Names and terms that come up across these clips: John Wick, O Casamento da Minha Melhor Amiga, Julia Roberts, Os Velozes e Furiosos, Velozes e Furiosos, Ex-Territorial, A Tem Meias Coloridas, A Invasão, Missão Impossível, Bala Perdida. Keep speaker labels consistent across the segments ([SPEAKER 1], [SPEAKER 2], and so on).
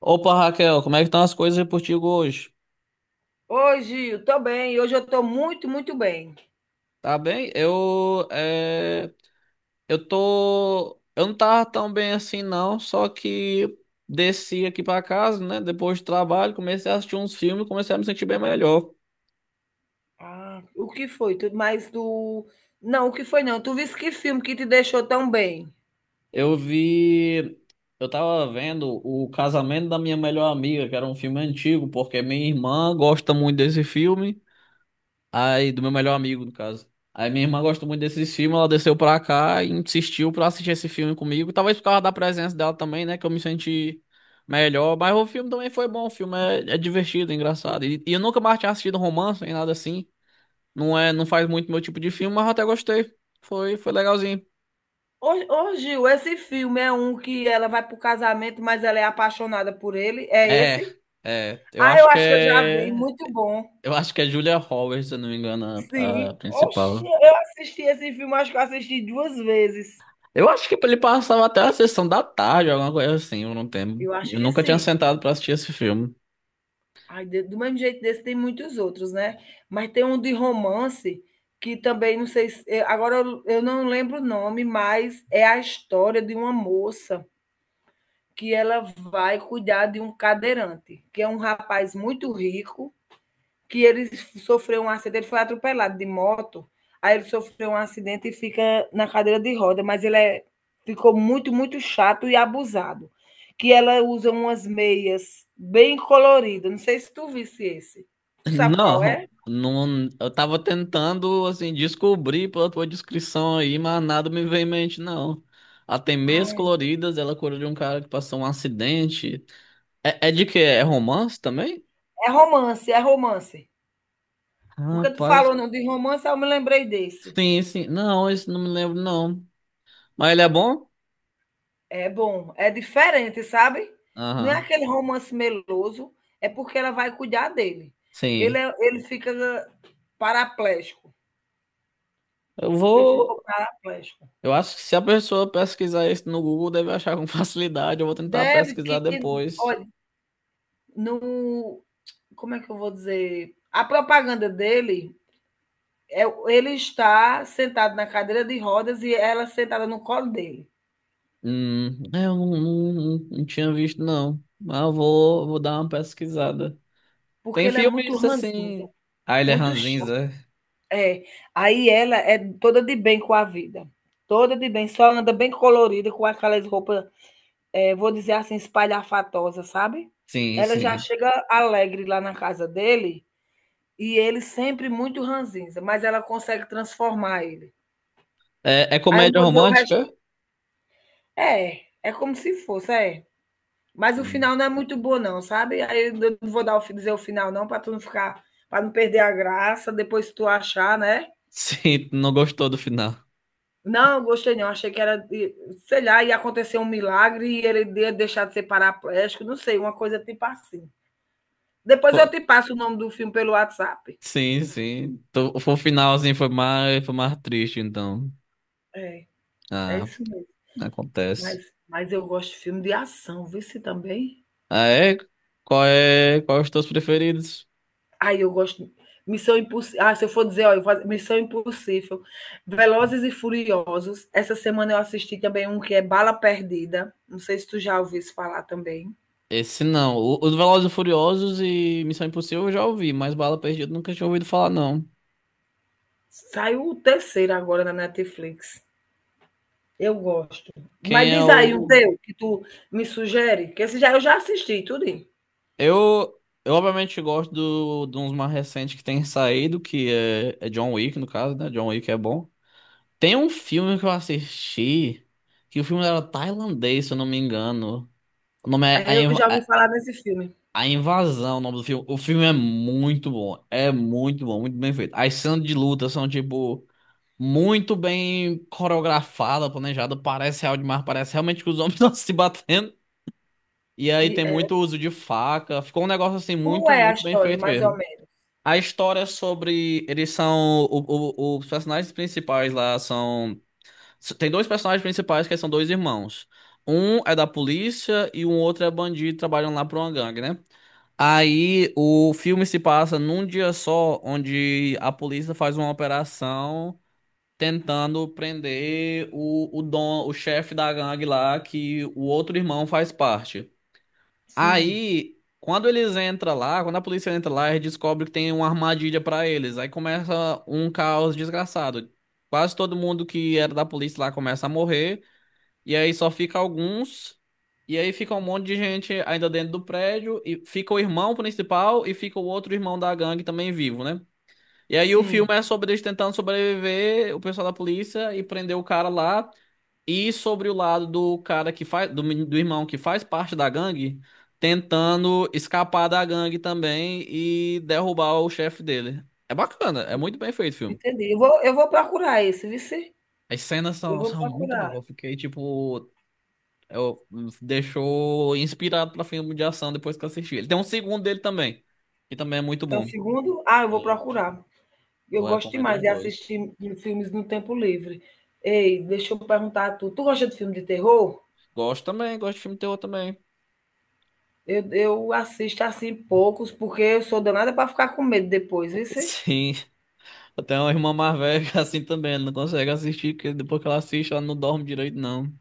[SPEAKER 1] Opa, Raquel, como é que estão as coisas aí por ti hoje?
[SPEAKER 2] Oi, Gil, tô bem. Hoje eu tô muito, muito bem.
[SPEAKER 1] Tá bem? Eu tô, eu não tava tão bem assim não, só que desci aqui pra casa, né, depois do trabalho, comecei a assistir uns filmes, e comecei a me sentir bem melhor.
[SPEAKER 2] Ah, o que foi? Tu, mas tu. Não, o que foi não? Tu viste que filme que te deixou tão bem?
[SPEAKER 1] Eu vi, eu tava vendo O Casamento da Minha Melhor Amiga, que era um filme antigo, porque minha irmã gosta muito desse filme. Aí, do meu melhor amigo, no caso. Aí minha irmã gosta muito desses filmes, ela desceu pra cá e insistiu pra assistir esse filme comigo. Talvez por causa da presença dela também, né? Que eu me senti melhor. Mas o filme também foi bom, o filme é divertido, engraçado. E eu nunca mais tinha assistido romance nem nada assim. Não é, não faz muito meu tipo de filme, mas eu até gostei. Foi, foi legalzinho.
[SPEAKER 2] Ô, ô, Gil, esse filme é um que ela vai pro casamento, mas ela é apaixonada por ele? É
[SPEAKER 1] É,
[SPEAKER 2] esse?
[SPEAKER 1] é. Eu
[SPEAKER 2] Ah,
[SPEAKER 1] acho
[SPEAKER 2] eu
[SPEAKER 1] que
[SPEAKER 2] acho que eu já vi.
[SPEAKER 1] é.
[SPEAKER 2] Muito bom.
[SPEAKER 1] Eu acho que é Julia Roberts, se eu não me engano, a,
[SPEAKER 2] Sim.
[SPEAKER 1] a
[SPEAKER 2] Oxe,
[SPEAKER 1] principal.
[SPEAKER 2] eu assisti esse filme, acho que eu assisti duas vezes.
[SPEAKER 1] Eu acho que ele passava até a sessão da tarde, alguma coisa assim, eu não tenho.
[SPEAKER 2] Eu acho
[SPEAKER 1] Eu
[SPEAKER 2] que
[SPEAKER 1] nunca tinha
[SPEAKER 2] sim.
[SPEAKER 1] sentado pra assistir esse filme.
[SPEAKER 2] Ai, de do mesmo jeito desse tem muitos outros, né. Mas tem um de romance que também não sei se agora eu não lembro o nome, mas é a história de uma moça que ela vai cuidar de um cadeirante, que é um rapaz muito rico, que ele sofreu um acidente, foi atropelado de moto, aí ele sofreu um acidente e fica na cadeira de roda, mas ele é, ficou muito, muito chato e abusado. Que ela usa umas meias bem coloridas. Não sei se tu visse esse. Tu sabe qual é?
[SPEAKER 1] Não, não, eu tava tentando, assim, descobrir pela tua descrição aí, mas nada me veio em mente, não. A Tem Meias
[SPEAKER 2] Ai,
[SPEAKER 1] Coloridas, ela cura de um cara que passou um acidente. É, é de quê? É romance também?
[SPEAKER 2] é romance, é romance. Porque tu
[SPEAKER 1] Rapaz,
[SPEAKER 2] falou não de romance, eu me lembrei desse.
[SPEAKER 1] sim, sim. Não, isso não me lembro, não. Mas ele é bom?
[SPEAKER 2] É bom, é diferente, sabe? Não é
[SPEAKER 1] Aham,
[SPEAKER 2] aquele romance meloso, é porque ela vai cuidar dele. Ele,
[SPEAKER 1] sim.
[SPEAKER 2] é- ele fica paraplégico.
[SPEAKER 1] Eu
[SPEAKER 2] Ele ficou
[SPEAKER 1] vou.
[SPEAKER 2] paraplégico.
[SPEAKER 1] Eu acho que se a pessoa pesquisar isso no Google, deve achar com facilidade. Eu vou tentar
[SPEAKER 2] Deve
[SPEAKER 1] pesquisar
[SPEAKER 2] que,
[SPEAKER 1] depois.
[SPEAKER 2] olha, no, como é que eu vou dizer? A propaganda dele é ele está sentado na cadeira de rodas e ela sentada no colo dele,
[SPEAKER 1] É, eu não tinha visto, não. Mas eu vou, vou dar uma pesquisada.
[SPEAKER 2] porque
[SPEAKER 1] Tem
[SPEAKER 2] ele é muito
[SPEAKER 1] filmes
[SPEAKER 2] ranzinza,
[SPEAKER 1] assim. Ah, ele é
[SPEAKER 2] muito.
[SPEAKER 1] ranzinza.
[SPEAKER 2] É, aí ela é toda de bem com a vida, toda de bem, só anda bem colorida com aquelas roupas, vou dizer assim, espalhafatosa, sabe?
[SPEAKER 1] Sim,
[SPEAKER 2] Ela já
[SPEAKER 1] sim.
[SPEAKER 2] chega alegre lá na casa dele e ele sempre muito ranzinza, mas ela consegue transformar ele.
[SPEAKER 1] É, é
[SPEAKER 2] Aí eu
[SPEAKER 1] comédia
[SPEAKER 2] vou dizer o resto
[SPEAKER 1] romântica?
[SPEAKER 2] é, é como se fosse, é. Mas o
[SPEAKER 1] Sim.
[SPEAKER 2] final não é muito bom não, sabe? Aí eu não vou dizer o final não, para tu não ficar, para não perder a graça, depois tu achar, né?
[SPEAKER 1] Sim, tu não gostou do final.
[SPEAKER 2] Não, gostei não. Achei que era, de- sei lá, ia acontecer um milagre e ele ia deixar de ser paraplégico, não sei, uma coisa tipo assim. Depois eu
[SPEAKER 1] Pô,
[SPEAKER 2] te passo o nome do filme pelo WhatsApp.
[SPEAKER 1] sim, sim. Tu- foi o final assim foi mais triste, então.
[SPEAKER 2] É, é
[SPEAKER 1] Ah,
[SPEAKER 2] isso mesmo.
[SPEAKER 1] acontece.
[SPEAKER 2] Mas eu gosto de filme de ação, vê se também.
[SPEAKER 1] Ah, é? Qual é, qual é os teus preferidos?
[SPEAKER 2] Aí eu gosto. Missão Impossível. Ah, se eu for dizer, ó, Missão Impossível. Velozes e Furiosos. Essa semana eu assisti também um que é Bala Perdida. Não sei se tu já ouviu isso falar também.
[SPEAKER 1] Esse não. O- Os Velozes e Furiosos e Missão Impossível eu já ouvi, mas Bala Perdida eu nunca tinha ouvido falar, não.
[SPEAKER 2] Saiu o terceiro agora na Netflix. Eu gosto.
[SPEAKER 1] Quem
[SPEAKER 2] Mas
[SPEAKER 1] é
[SPEAKER 2] diz aí um
[SPEAKER 1] o.
[SPEAKER 2] teu que tu me sugere, que esse já eu já assisti tudo.
[SPEAKER 1] Eu, eu obviamente gosto do, de uns mais recentes que tem saído, que é John Wick, no caso, né? John Wick é bom. Tem um filme que eu assisti, que o filme era tailandês, se eu não me engano. O nome é
[SPEAKER 2] Aí
[SPEAKER 1] A,
[SPEAKER 2] eu
[SPEAKER 1] Inv-
[SPEAKER 2] já ouvi falar desse filme.
[SPEAKER 1] A Invasão, o nome do filme. O filme é muito bom. É muito bom, muito bem feito. As cenas de luta são tipo. Muito bem coreografada, planejada. Parece real demais, parece realmente que os homens estão se batendo. E aí
[SPEAKER 2] E,
[SPEAKER 1] tem muito uso de faca. Ficou um negócio assim
[SPEAKER 2] como
[SPEAKER 1] muito,
[SPEAKER 2] é a
[SPEAKER 1] muito bem
[SPEAKER 2] história,
[SPEAKER 1] feito
[SPEAKER 2] mais ou
[SPEAKER 1] mesmo.
[SPEAKER 2] menos?
[SPEAKER 1] A história é sobre. Eles são. O- os personagens principais lá são. Tem dois personagens principais que são dois irmãos. Um é da polícia e um outro é bandido, trabalham lá pra uma gangue, né? Aí o filme se passa num dia só, onde a polícia faz uma operação tentando prender o dom, o chefe da gangue lá, que o outro irmão faz parte.
[SPEAKER 2] Sim,
[SPEAKER 1] Aí, quando eles entram lá, quando a polícia entra lá, eles descobrem que tem uma armadilha pra eles. Aí começa um caos desgraçado. Quase todo mundo que era da polícia lá começa a morrer, e aí só fica alguns. E aí fica um monte de gente ainda dentro do prédio, e fica o irmão principal e fica o outro irmão da gangue também vivo, né? E aí o filme
[SPEAKER 2] sim,
[SPEAKER 1] é sobre eles tentando sobreviver, o pessoal da polícia e prender o cara lá. E sobre o lado do cara que faz, do, meni- do irmão que faz parte da gangue, tentando escapar da gangue também e derrubar o chefe dele. É bacana, é muito bem feito o filme.
[SPEAKER 2] entendi. Eu vou procurar esse, vice.
[SPEAKER 1] As cenas
[SPEAKER 2] Eu
[SPEAKER 1] são,
[SPEAKER 2] vou
[SPEAKER 1] são muito
[SPEAKER 2] procurar.
[SPEAKER 1] boas. Eu fiquei tipo. Eu, deixou inspirado pra filme de ação depois que eu assisti. Ele tem um segundo dele também, que também é muito
[SPEAKER 2] Então,
[SPEAKER 1] bom.
[SPEAKER 2] segundo ah, eu vou
[SPEAKER 1] É,
[SPEAKER 2] procurar.
[SPEAKER 1] eu
[SPEAKER 2] Eu gosto
[SPEAKER 1] recomendo
[SPEAKER 2] demais
[SPEAKER 1] os
[SPEAKER 2] de
[SPEAKER 1] dois.
[SPEAKER 2] assistir filmes no tempo livre. Ei, deixa eu perguntar a tu, tu gosta de filme de terror?
[SPEAKER 1] Gosto também, gosto de filme terror também.
[SPEAKER 2] Eu assisto, assim, poucos, porque eu sou danada para ficar com medo depois, vice.
[SPEAKER 1] Sim, até uma irmã mais velha que é assim também, ela não consegue assistir, porque depois que ela assiste, ela não dorme direito, não.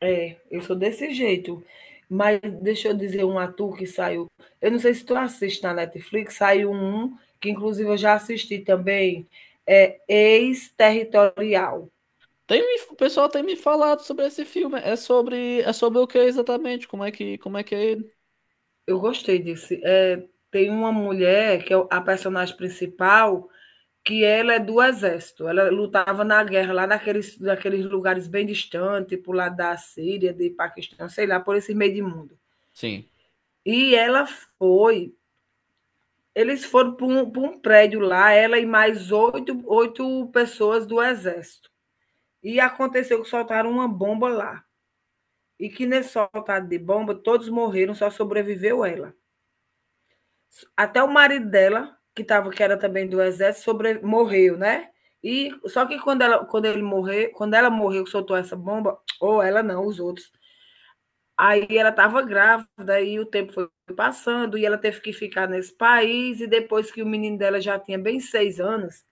[SPEAKER 2] É, eu sou desse jeito. Mas deixa eu dizer um ator que saiu. Eu não sei se tu assiste na Netflix, saiu um que inclusive eu já assisti também, é Ex-Territorial.
[SPEAKER 1] Tem, me- o pessoal tem me falado sobre esse filme. É sobre o que exatamente? Como é que é ele?
[SPEAKER 2] Eu gostei desse. É, tem uma mulher que é a personagem principal, que ela é do exército. Ela lutava na guerra lá naqueles lugares bem distantes, tipo lá da Síria, de Paquistão, sei lá, por esse meio de mundo.
[SPEAKER 1] Sim.
[SPEAKER 2] E ela foi. Eles foram para um, pra um prédio lá, ela e mais oito pessoas do exército. E aconteceu que soltaram uma bomba lá. E que nesse soltado de bomba, todos morreram, só sobreviveu ela. Até o marido dela, que tava, que era também do exército, sobre, morreu, né? E só que quando ela, quando ele morreu quando ela morreu, soltou essa bomba, ou ela não, os outros. Aí ela estava grávida e o tempo foi passando e ela teve que ficar nesse país e depois que o menino dela já tinha bem 6 anos,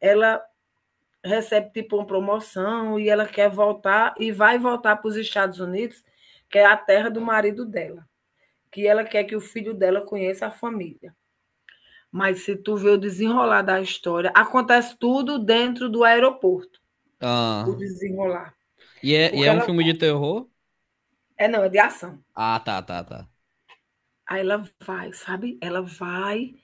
[SPEAKER 2] ela recebe tipo uma promoção e ela quer voltar e vai voltar para os Estados Unidos, que é a terra do marido dela, que ela quer que o filho dela conheça a família. Mas se tu vê o desenrolar da história, acontece tudo dentro do aeroporto, o
[SPEAKER 1] Ah,
[SPEAKER 2] desenrolar,
[SPEAKER 1] e
[SPEAKER 2] porque
[SPEAKER 1] é um
[SPEAKER 2] ela
[SPEAKER 1] filme de terror?
[SPEAKER 2] é não, é de ação.
[SPEAKER 1] Ah, tá, tá, tá.
[SPEAKER 2] Aí ela vai, sabe, ela vai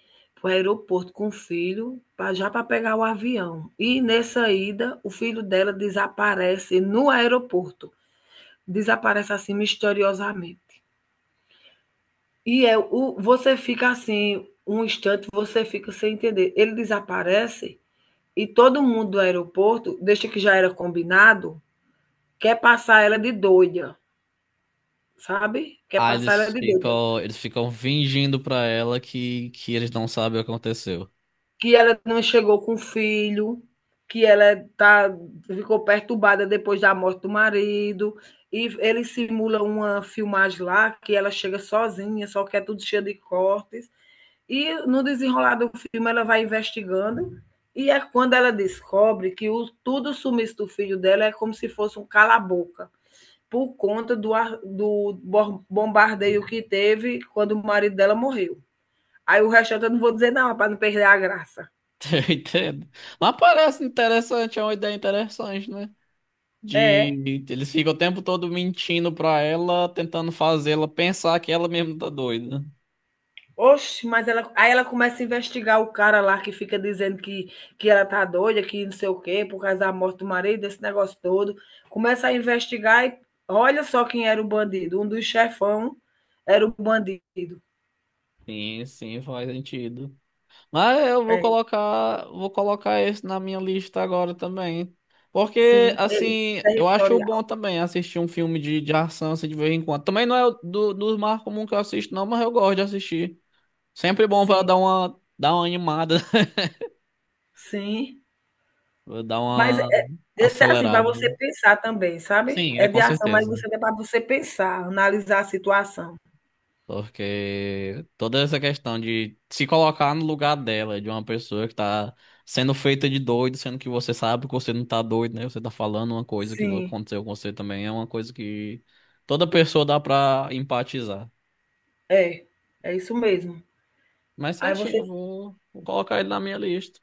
[SPEAKER 2] para o aeroporto com o filho, pra já para pegar o avião. E nessa ida, o filho dela desaparece no aeroporto, desaparece assim misteriosamente. E é o você fica assim, um instante você fica sem entender. Ele desaparece e todo mundo do aeroporto, desde que já era combinado, quer passar ela de doida, sabe, quer
[SPEAKER 1] Ah,
[SPEAKER 2] passar ela de doida.
[SPEAKER 1] eles ficam fingindo pra ela que eles não sabem o que aconteceu.
[SPEAKER 2] Que ela não chegou com o filho, que ela tá, ficou perturbada depois da morte do marido, e ele simula uma filmagem lá que ela chega sozinha, só que é tudo cheio de cortes. E no desenrolar do filme ela vai investigando, e é quando ela descobre que o, tudo o sumiço do filho dela é como se fosse um cala-boca, por conta do bombardeio que teve quando o marido dela morreu. Aí o resto eu não vou dizer não, para não perder a graça.
[SPEAKER 1] Eu entendo. Mas parece interessante, é uma ideia interessante, né?
[SPEAKER 2] É,
[SPEAKER 1] De, eles ficam o tempo todo mentindo pra ela, tentando fazê-la pensar que ela mesma tá doida.
[SPEAKER 2] Oxe, mas ela, aí ela começa a investigar o cara lá que fica dizendo que ela tá doida, que não sei o quê, por causa da morte do marido, esse negócio todo. Começa a investigar e olha só quem era o bandido. Um dos chefão era o bandido.
[SPEAKER 1] Sim, sim, faz sentido. Mas eu
[SPEAKER 2] É,
[SPEAKER 1] vou colocar esse na minha lista agora também. Porque,
[SPEAKER 2] sim,
[SPEAKER 1] assim, eu acho bom
[SPEAKER 2] ex-territorial.
[SPEAKER 1] também assistir um filme de ação assim, de vez em quando. Também não é o do, dos mais comuns que eu assisto, não, mas eu gosto de assistir. Sempre bom pra
[SPEAKER 2] Sim,
[SPEAKER 1] dar uma animada,
[SPEAKER 2] sim.
[SPEAKER 1] pra dar
[SPEAKER 2] Mas
[SPEAKER 1] uma
[SPEAKER 2] é, esse é assim, para
[SPEAKER 1] acelerada.
[SPEAKER 2] você pensar também, sabe?
[SPEAKER 1] Sim, é
[SPEAKER 2] É
[SPEAKER 1] com
[SPEAKER 2] de ação, mas
[SPEAKER 1] certeza.
[SPEAKER 2] você é para você pensar, analisar a situação.
[SPEAKER 1] Porque toda essa questão de se colocar no lugar dela, de uma pessoa que tá sendo feita de doido, sendo que você sabe que você não tá doido, né? Você tá falando uma coisa que
[SPEAKER 2] Sim,
[SPEAKER 1] aconteceu com você também, é uma coisa que toda pessoa dá pra empatizar.
[SPEAKER 2] é. É isso mesmo.
[SPEAKER 1] Mas
[SPEAKER 2] Aí
[SPEAKER 1] certinho,
[SPEAKER 2] você.
[SPEAKER 1] eu vou, vou colocar ele na minha lista.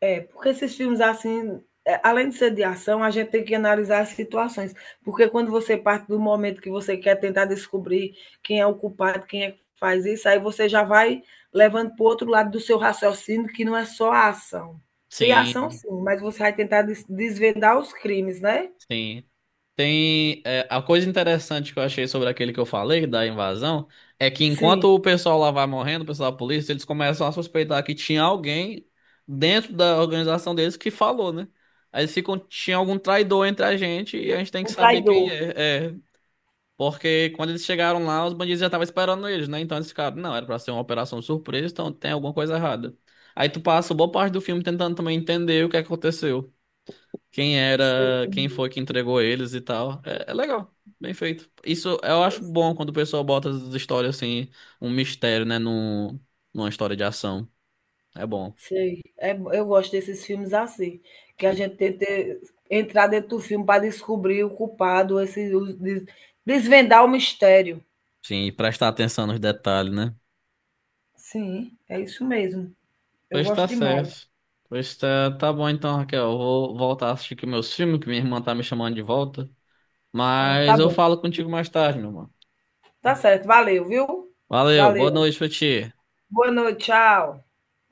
[SPEAKER 2] É, porque esses filmes assim, é, além de ser de ação, a gente tem que analisar as situações. Porque quando você parte do momento que você quer tentar descobrir quem é o culpado, quem é que faz isso, aí você já vai levando para o outro lado do seu raciocínio, que não é só a ação. Tem ação,
[SPEAKER 1] Sim.
[SPEAKER 2] sim, mas você vai tentar desvendar os crimes, né?
[SPEAKER 1] Sim. Tem, é, a coisa interessante que eu achei sobre aquele que eu falei, da invasão, é que enquanto
[SPEAKER 2] Sim,
[SPEAKER 1] o pessoal lá vai morrendo, o pessoal da polícia, eles começam a suspeitar que tinha alguém dentro da organização deles que falou, né? Aí eles ficam, tinha algum traidor entre a gente e a gente tem que
[SPEAKER 2] o
[SPEAKER 1] saber quem
[SPEAKER 2] traidor.
[SPEAKER 1] é. É, porque quando eles chegaram lá, os bandidos já estavam esperando eles, né? Então eles ficaram, não, era pra ser uma operação surpresa, então tem alguma coisa errada. Aí tu passa boa parte do filme tentando também entender o que aconteceu quem
[SPEAKER 2] Sei.
[SPEAKER 1] era, quem foi que entregou eles e tal. É, é legal, bem feito. Isso eu acho bom quando o pessoal bota as histórias assim, um mistério, né, num, numa história de ação. É bom.
[SPEAKER 2] Sei, é bo eu gosto desses filmes assim, que a
[SPEAKER 1] Sim.
[SPEAKER 2] gente tenta entrar dentro do filme para descobrir o culpado, esse os des desvendar o mistério.
[SPEAKER 1] Sim, e prestar atenção nos detalhes, né?
[SPEAKER 2] Sim, é isso mesmo, eu
[SPEAKER 1] Pois
[SPEAKER 2] gosto
[SPEAKER 1] tá
[SPEAKER 2] demais.
[SPEAKER 1] certo. Pois tá, tá bom então, Raquel. Eu vou voltar a assistir aqui meus filmes, que minha irmã tá me chamando de volta.
[SPEAKER 2] Ah, tá
[SPEAKER 1] Mas eu
[SPEAKER 2] bom,
[SPEAKER 1] falo contigo mais tarde, meu mano.
[SPEAKER 2] tá certo, valeu, viu.
[SPEAKER 1] Valeu, boa
[SPEAKER 2] Valeu,
[SPEAKER 1] noite pra ti.
[SPEAKER 2] boa noite, tchau.